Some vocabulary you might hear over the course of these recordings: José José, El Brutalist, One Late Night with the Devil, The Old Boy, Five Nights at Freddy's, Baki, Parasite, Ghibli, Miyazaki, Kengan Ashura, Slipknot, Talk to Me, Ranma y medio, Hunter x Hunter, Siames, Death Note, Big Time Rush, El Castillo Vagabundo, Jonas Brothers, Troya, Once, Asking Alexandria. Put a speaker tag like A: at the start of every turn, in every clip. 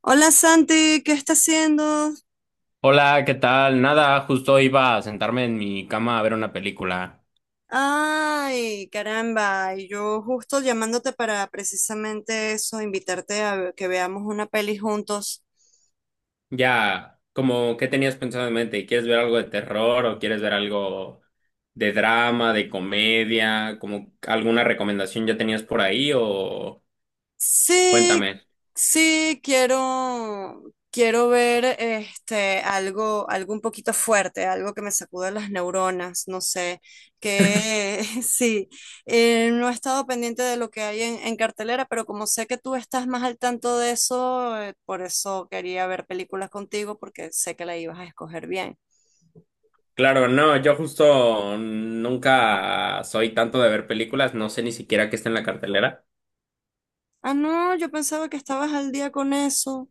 A: Hola Santi, ¿qué estás haciendo?
B: Hola, ¿qué tal? Nada, justo iba a sentarme en mi cama a ver una película.
A: Ay, caramba, y yo justo llamándote para precisamente eso, invitarte a que veamos una peli juntos.
B: Ya, como, ¿qué tenías pensado en mente? ¿Quieres ver algo de terror o quieres ver algo de drama, de comedia? ¿Como alguna recomendación ya tenías por ahí o
A: Sí,
B: cuéntame?
A: sí, quiero ver algo, algo un poquito fuerte, algo que me sacuda las neuronas, no sé, que sí, no he estado pendiente de lo que hay en cartelera, pero como sé que tú estás más al tanto de eso, por eso quería ver películas contigo, porque sé que la ibas a escoger bien.
B: Claro, no, yo justo nunca soy tanto de ver películas, no sé ni siquiera qué está en la cartelera.
A: Ah, no, yo pensaba que estabas al día con eso.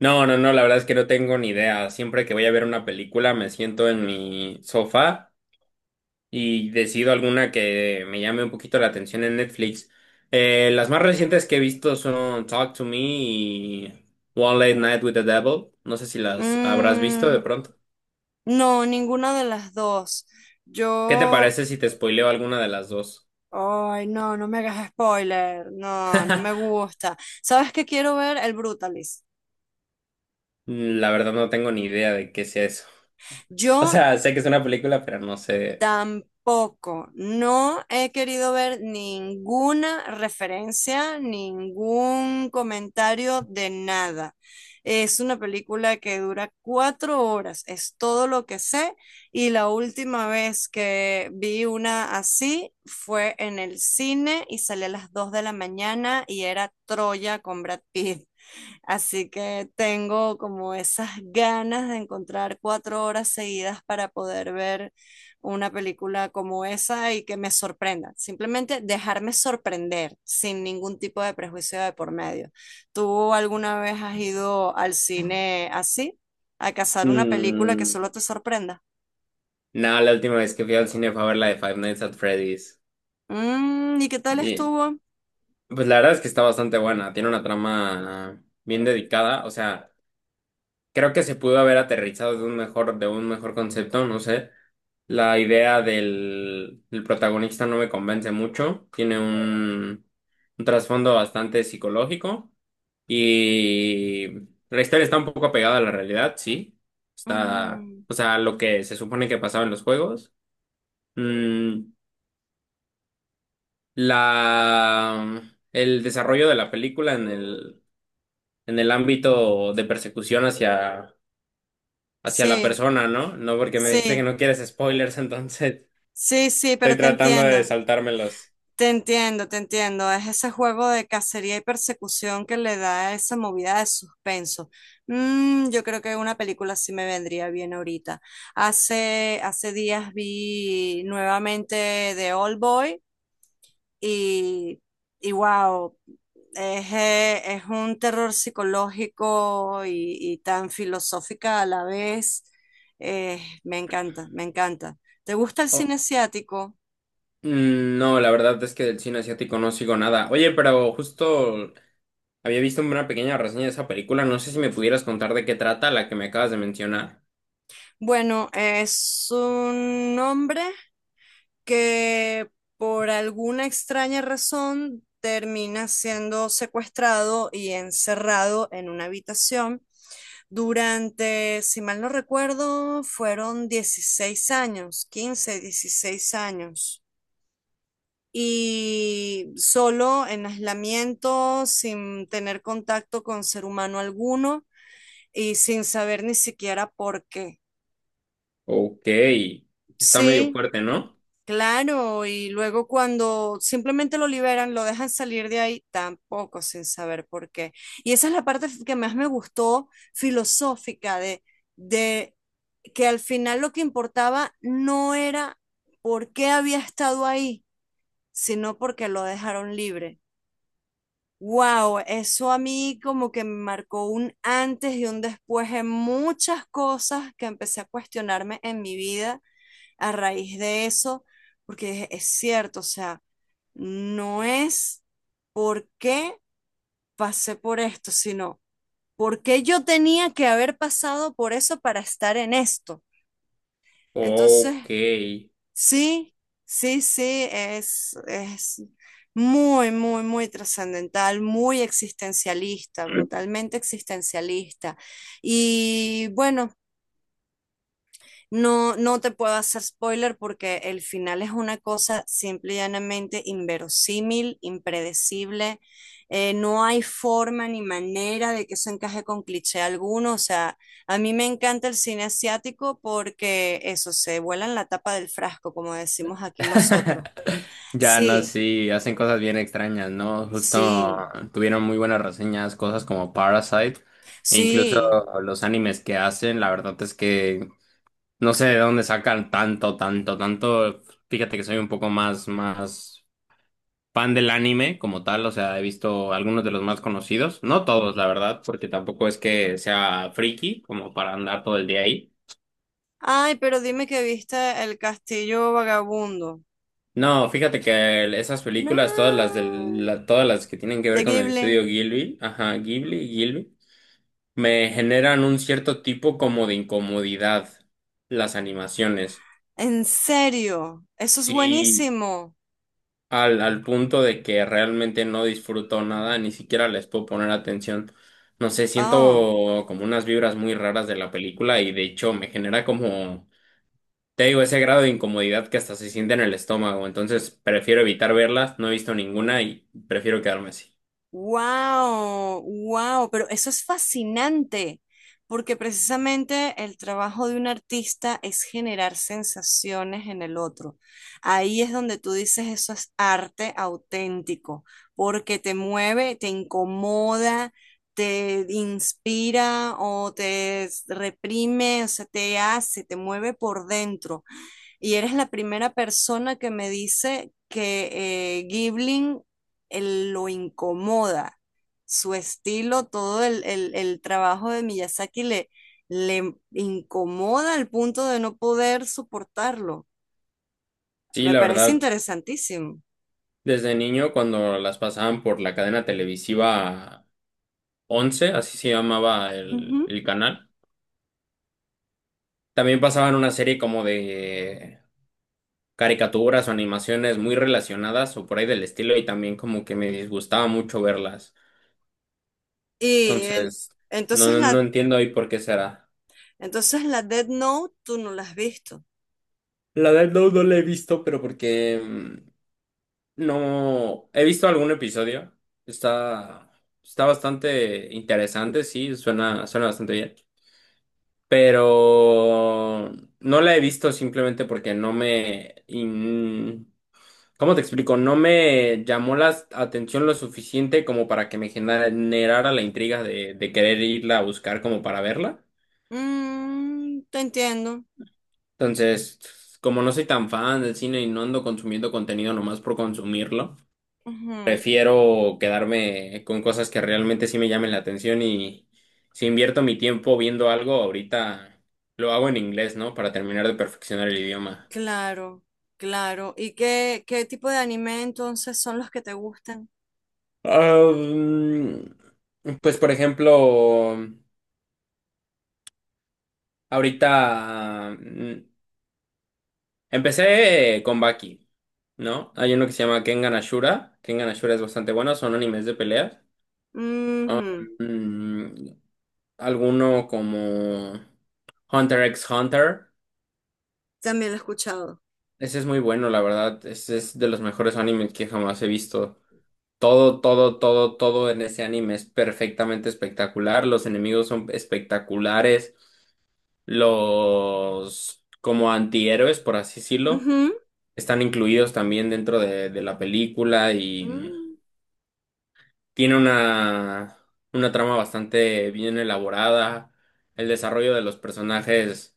B: No, no, no, la verdad es que no tengo ni idea. Siempre que voy a ver una película me siento en mi sofá y decido alguna que me llame un poquito la atención en Netflix. Las más recientes que he visto son Talk to Me y One Late Night with the Devil. No sé si las habrás visto de
A: Mm,
B: pronto.
A: no, ninguna de las dos.
B: ¿Qué te
A: Yo
B: parece si te spoileo alguna de las dos?
A: ay, no, no me hagas spoiler. No, no me gusta. ¿Sabes qué quiero ver? El Brutalist.
B: La verdad no tengo ni idea de qué sea eso. O
A: Yo
B: sea, sé que es una película, pero no sé.
A: tampoco. No he querido ver ninguna referencia, ningún comentario de nada. Es una película que dura cuatro horas, es todo lo que sé. Y la última vez que vi una así fue en el cine y salí a las dos de la mañana y era Troya con Brad Pitt. Así que tengo como esas ganas de encontrar cuatro horas seguidas para poder ver una película como esa y que me sorprenda. Simplemente dejarme sorprender sin ningún tipo de prejuicio de por medio. ¿Tú alguna vez has ido al cine así? ¿A cazar una película que
B: Mm,
A: solo te sorprenda?
B: no, la última vez que fui al cine fue a ver la de Five Nights at Freddy's.
A: Mm, ¿y qué tal
B: Y
A: estuvo?
B: pues la verdad es que está bastante buena. Tiene una trama bien dedicada. O sea, creo que se pudo haber aterrizado de un mejor concepto, no sé. La idea del protagonista no me convence mucho. Tiene un trasfondo bastante psicológico. Y la historia está un poco apegada a la realidad, sí. Está,
A: Ujú.
B: o sea, lo que se supone que pasaba en los juegos. Mm, la, el desarrollo de la película en el ámbito de persecución hacia la
A: Sí,
B: persona, ¿no? No, porque me dijiste que
A: sí,
B: no quieres spoilers, entonces
A: sí, sí, pero
B: estoy
A: te
B: tratando de
A: entiendo.
B: saltármelos.
A: Te entiendo, te entiendo. Es ese juego de cacería y persecución que le da esa movida de suspenso. Mm, yo creo que una película sí me vendría bien ahorita. Hace días vi nuevamente The Old Boy y, y wow, es un terror psicológico y tan filosófica a la vez. Me encanta, me encanta. ¿Te gusta el cine
B: Oh,
A: asiático?
B: no, la verdad es que del cine asiático no sigo nada. Oye, pero justo había visto una pequeña reseña de esa película. No sé si me pudieras contar de qué trata la que me acabas de mencionar.
A: Bueno, es un hombre que por alguna extraña razón termina siendo secuestrado y encerrado en una habitación durante, si mal no recuerdo, fueron 16 años, 15, 16 años. Y solo en aislamiento, sin tener contacto con ser humano alguno y sin saber ni siquiera por qué.
B: Ok, está medio
A: Sí,
B: fuerte, ¿no?
A: claro, y luego cuando simplemente lo liberan, lo dejan salir de ahí, tampoco sin saber por qué. Y esa es la parte que más me gustó filosófica de que al final lo que importaba no era por qué había estado ahí, sino porque lo dejaron libre. Wow, eso a mí como que me marcó un antes y un después en muchas cosas que empecé a cuestionarme en mi vida a raíz de eso, porque es cierto, o sea, no es por qué pasé por esto, sino por qué yo tenía que haber pasado por eso para estar en esto. Entonces,
B: Ok.
A: sí, sí, es muy trascendental, muy existencialista, brutalmente existencialista. Y bueno, no, no te puedo hacer spoiler porque el final es una cosa simple y llanamente inverosímil, impredecible. No hay forma ni manera de que eso encaje con cliché alguno. O sea, a mí me encanta el cine asiático porque eso se vuela en la tapa del frasco, como decimos aquí nosotros.
B: Ya no,
A: Sí,
B: sí, hacen cosas bien extrañas, ¿no?
A: sí,
B: Justo tuvieron muy buenas reseñas, cosas como Parasite, e incluso
A: sí.
B: los animes que hacen, la verdad es que no sé de dónde sacan tanto, tanto, tanto. Fíjate que soy un poco más fan del anime como tal, o sea, he visto algunos de los más conocidos, no todos, la verdad, porque tampoco es que sea friki como para andar todo el día ahí.
A: Ay, pero dime que viste El Castillo Vagabundo.
B: No, fíjate que esas películas,
A: No,
B: todas las que tienen que ver
A: de
B: con el
A: Ghibli.
B: estudio Ghibli, ajá, Ghibli me generan un cierto tipo como de incomodidad las animaciones.
A: En serio, eso es
B: Sí,
A: buenísimo.
B: al punto de que realmente no disfruto nada, ni siquiera les puedo poner atención. No sé,
A: Oh,
B: siento como unas vibras muy raras de la película y de hecho me genera como. Te digo, ese grado de incomodidad que hasta se siente en el estómago, entonces prefiero evitar verlas, no he visto ninguna y prefiero quedarme así.
A: wow, wow, pero eso es fascinante, porque precisamente el trabajo de un artista es generar sensaciones en el otro. Ahí es donde tú dices eso es arte auténtico, porque te mueve, te incomoda, te inspira o te reprime, o sea, te hace, te mueve por dentro. Y eres la primera persona que me dice que Gibling él lo incomoda. Su estilo, el trabajo de Miyazaki le incomoda al punto de no poder soportarlo.
B: Sí,
A: Me
B: la
A: parece
B: verdad,
A: interesantísimo.
B: desde niño cuando las pasaban por la cadena televisiva Once, así se llamaba
A: Ujú.
B: el canal, también pasaban una serie como de caricaturas o animaciones muy relacionadas o por ahí del estilo y también como que me disgustaba mucho verlas.
A: Y en-
B: Entonces, no,
A: entonces
B: no
A: la,
B: entiendo ahí por qué será.
A: entonces la Death Note tú no la has visto.
B: La del no, no la he visto, pero porque no, he visto algún episodio. Está, Está bastante interesante, sí, suena bastante bien. Pero no la he visto simplemente porque no me... ¿cómo te explico? No me llamó la atención lo suficiente como para que me generara la intriga de querer irla a buscar como para verla.
A: Mm, te entiendo.
B: Entonces, como no soy tan fan del cine y no ando consumiendo contenido nomás por consumirlo.
A: Ujú.
B: Prefiero quedarme con cosas que realmente sí me llamen la atención y si invierto mi tiempo viendo algo, ahorita lo hago en inglés, ¿no? Para terminar de perfeccionar el idioma.
A: Claro, claro. ¿Y qué, qué tipo de anime entonces son los que te gustan?
B: Pues por ejemplo, ahorita mm, empecé con Baki, ¿no? Hay uno que se llama Kengan Ashura. Kengan Ashura es bastante bueno, son animes de peleas.
A: Ujú,
B: Mm, Alguno como Hunter x Hunter.
A: también lo he escuchado.
B: Ese es muy bueno, la verdad. Ese es de los mejores animes que jamás he visto. Todo, todo, todo, todo en ese anime es perfectamente espectacular. Los enemigos son espectaculares. Los como antihéroes, por así decirlo,
A: Ujú,
B: están incluidos también dentro de la película y
A: mm,
B: tiene una trama bastante bien elaborada. El desarrollo de los personajes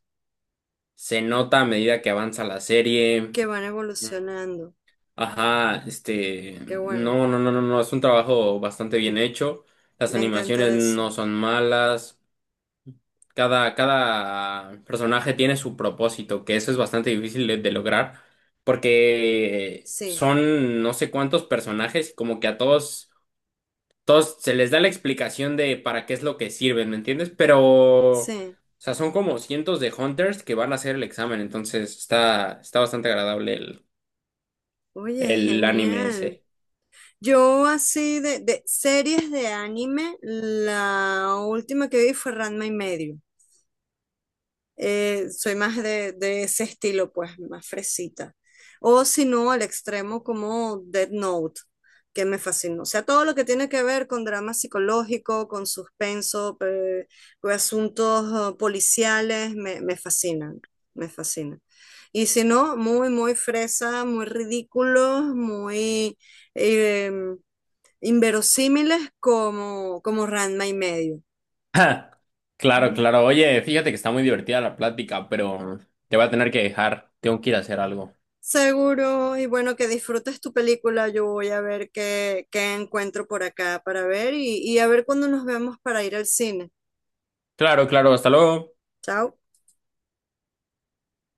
B: se nota a medida que avanza la serie.
A: que van evolucionando.
B: Ajá, este,
A: Qué bueno.
B: no, no, no, no, no, es un trabajo bastante bien hecho. Las
A: Me
B: animaciones
A: encanta
B: no
A: eso.
B: son malas. Cada personaje tiene su propósito, que eso es bastante difícil de lograr, porque
A: Sí,
B: son no sé cuántos personajes y como que a todos, todos se les da la explicación de para qué es lo que sirven, ¿me entiendes? Pero, o
A: sí.
B: sea, son como cientos de hunters que van a hacer el examen, entonces está bastante agradable
A: Oye,
B: el anime
A: genial.
B: ese.
A: Yo así de series de anime, la última que vi fue Ranma y medio. Eh, soy más de ese estilo, pues, más fresita. O si no, al extremo como Dead Note, que me fascinó. O sea, todo lo que tiene que ver con drama psicológico, con suspenso, con asuntos policiales, me fascinan, me fascinan. Y si no, muy, muy fresa, muy ridículos, muy eh, inverosímiles como, como Ranma y medio.
B: Ja, claro, claro. Oye, fíjate que está muy divertida la plática, pero te voy a tener que dejar. Tengo que ir a hacer algo.
A: Seguro, y bueno, que disfrutes tu película. Yo voy a ver qué encuentro por acá para ver y a ver cuándo nos vemos para ir al cine.
B: Claro, claro. Hasta luego.
A: Chao.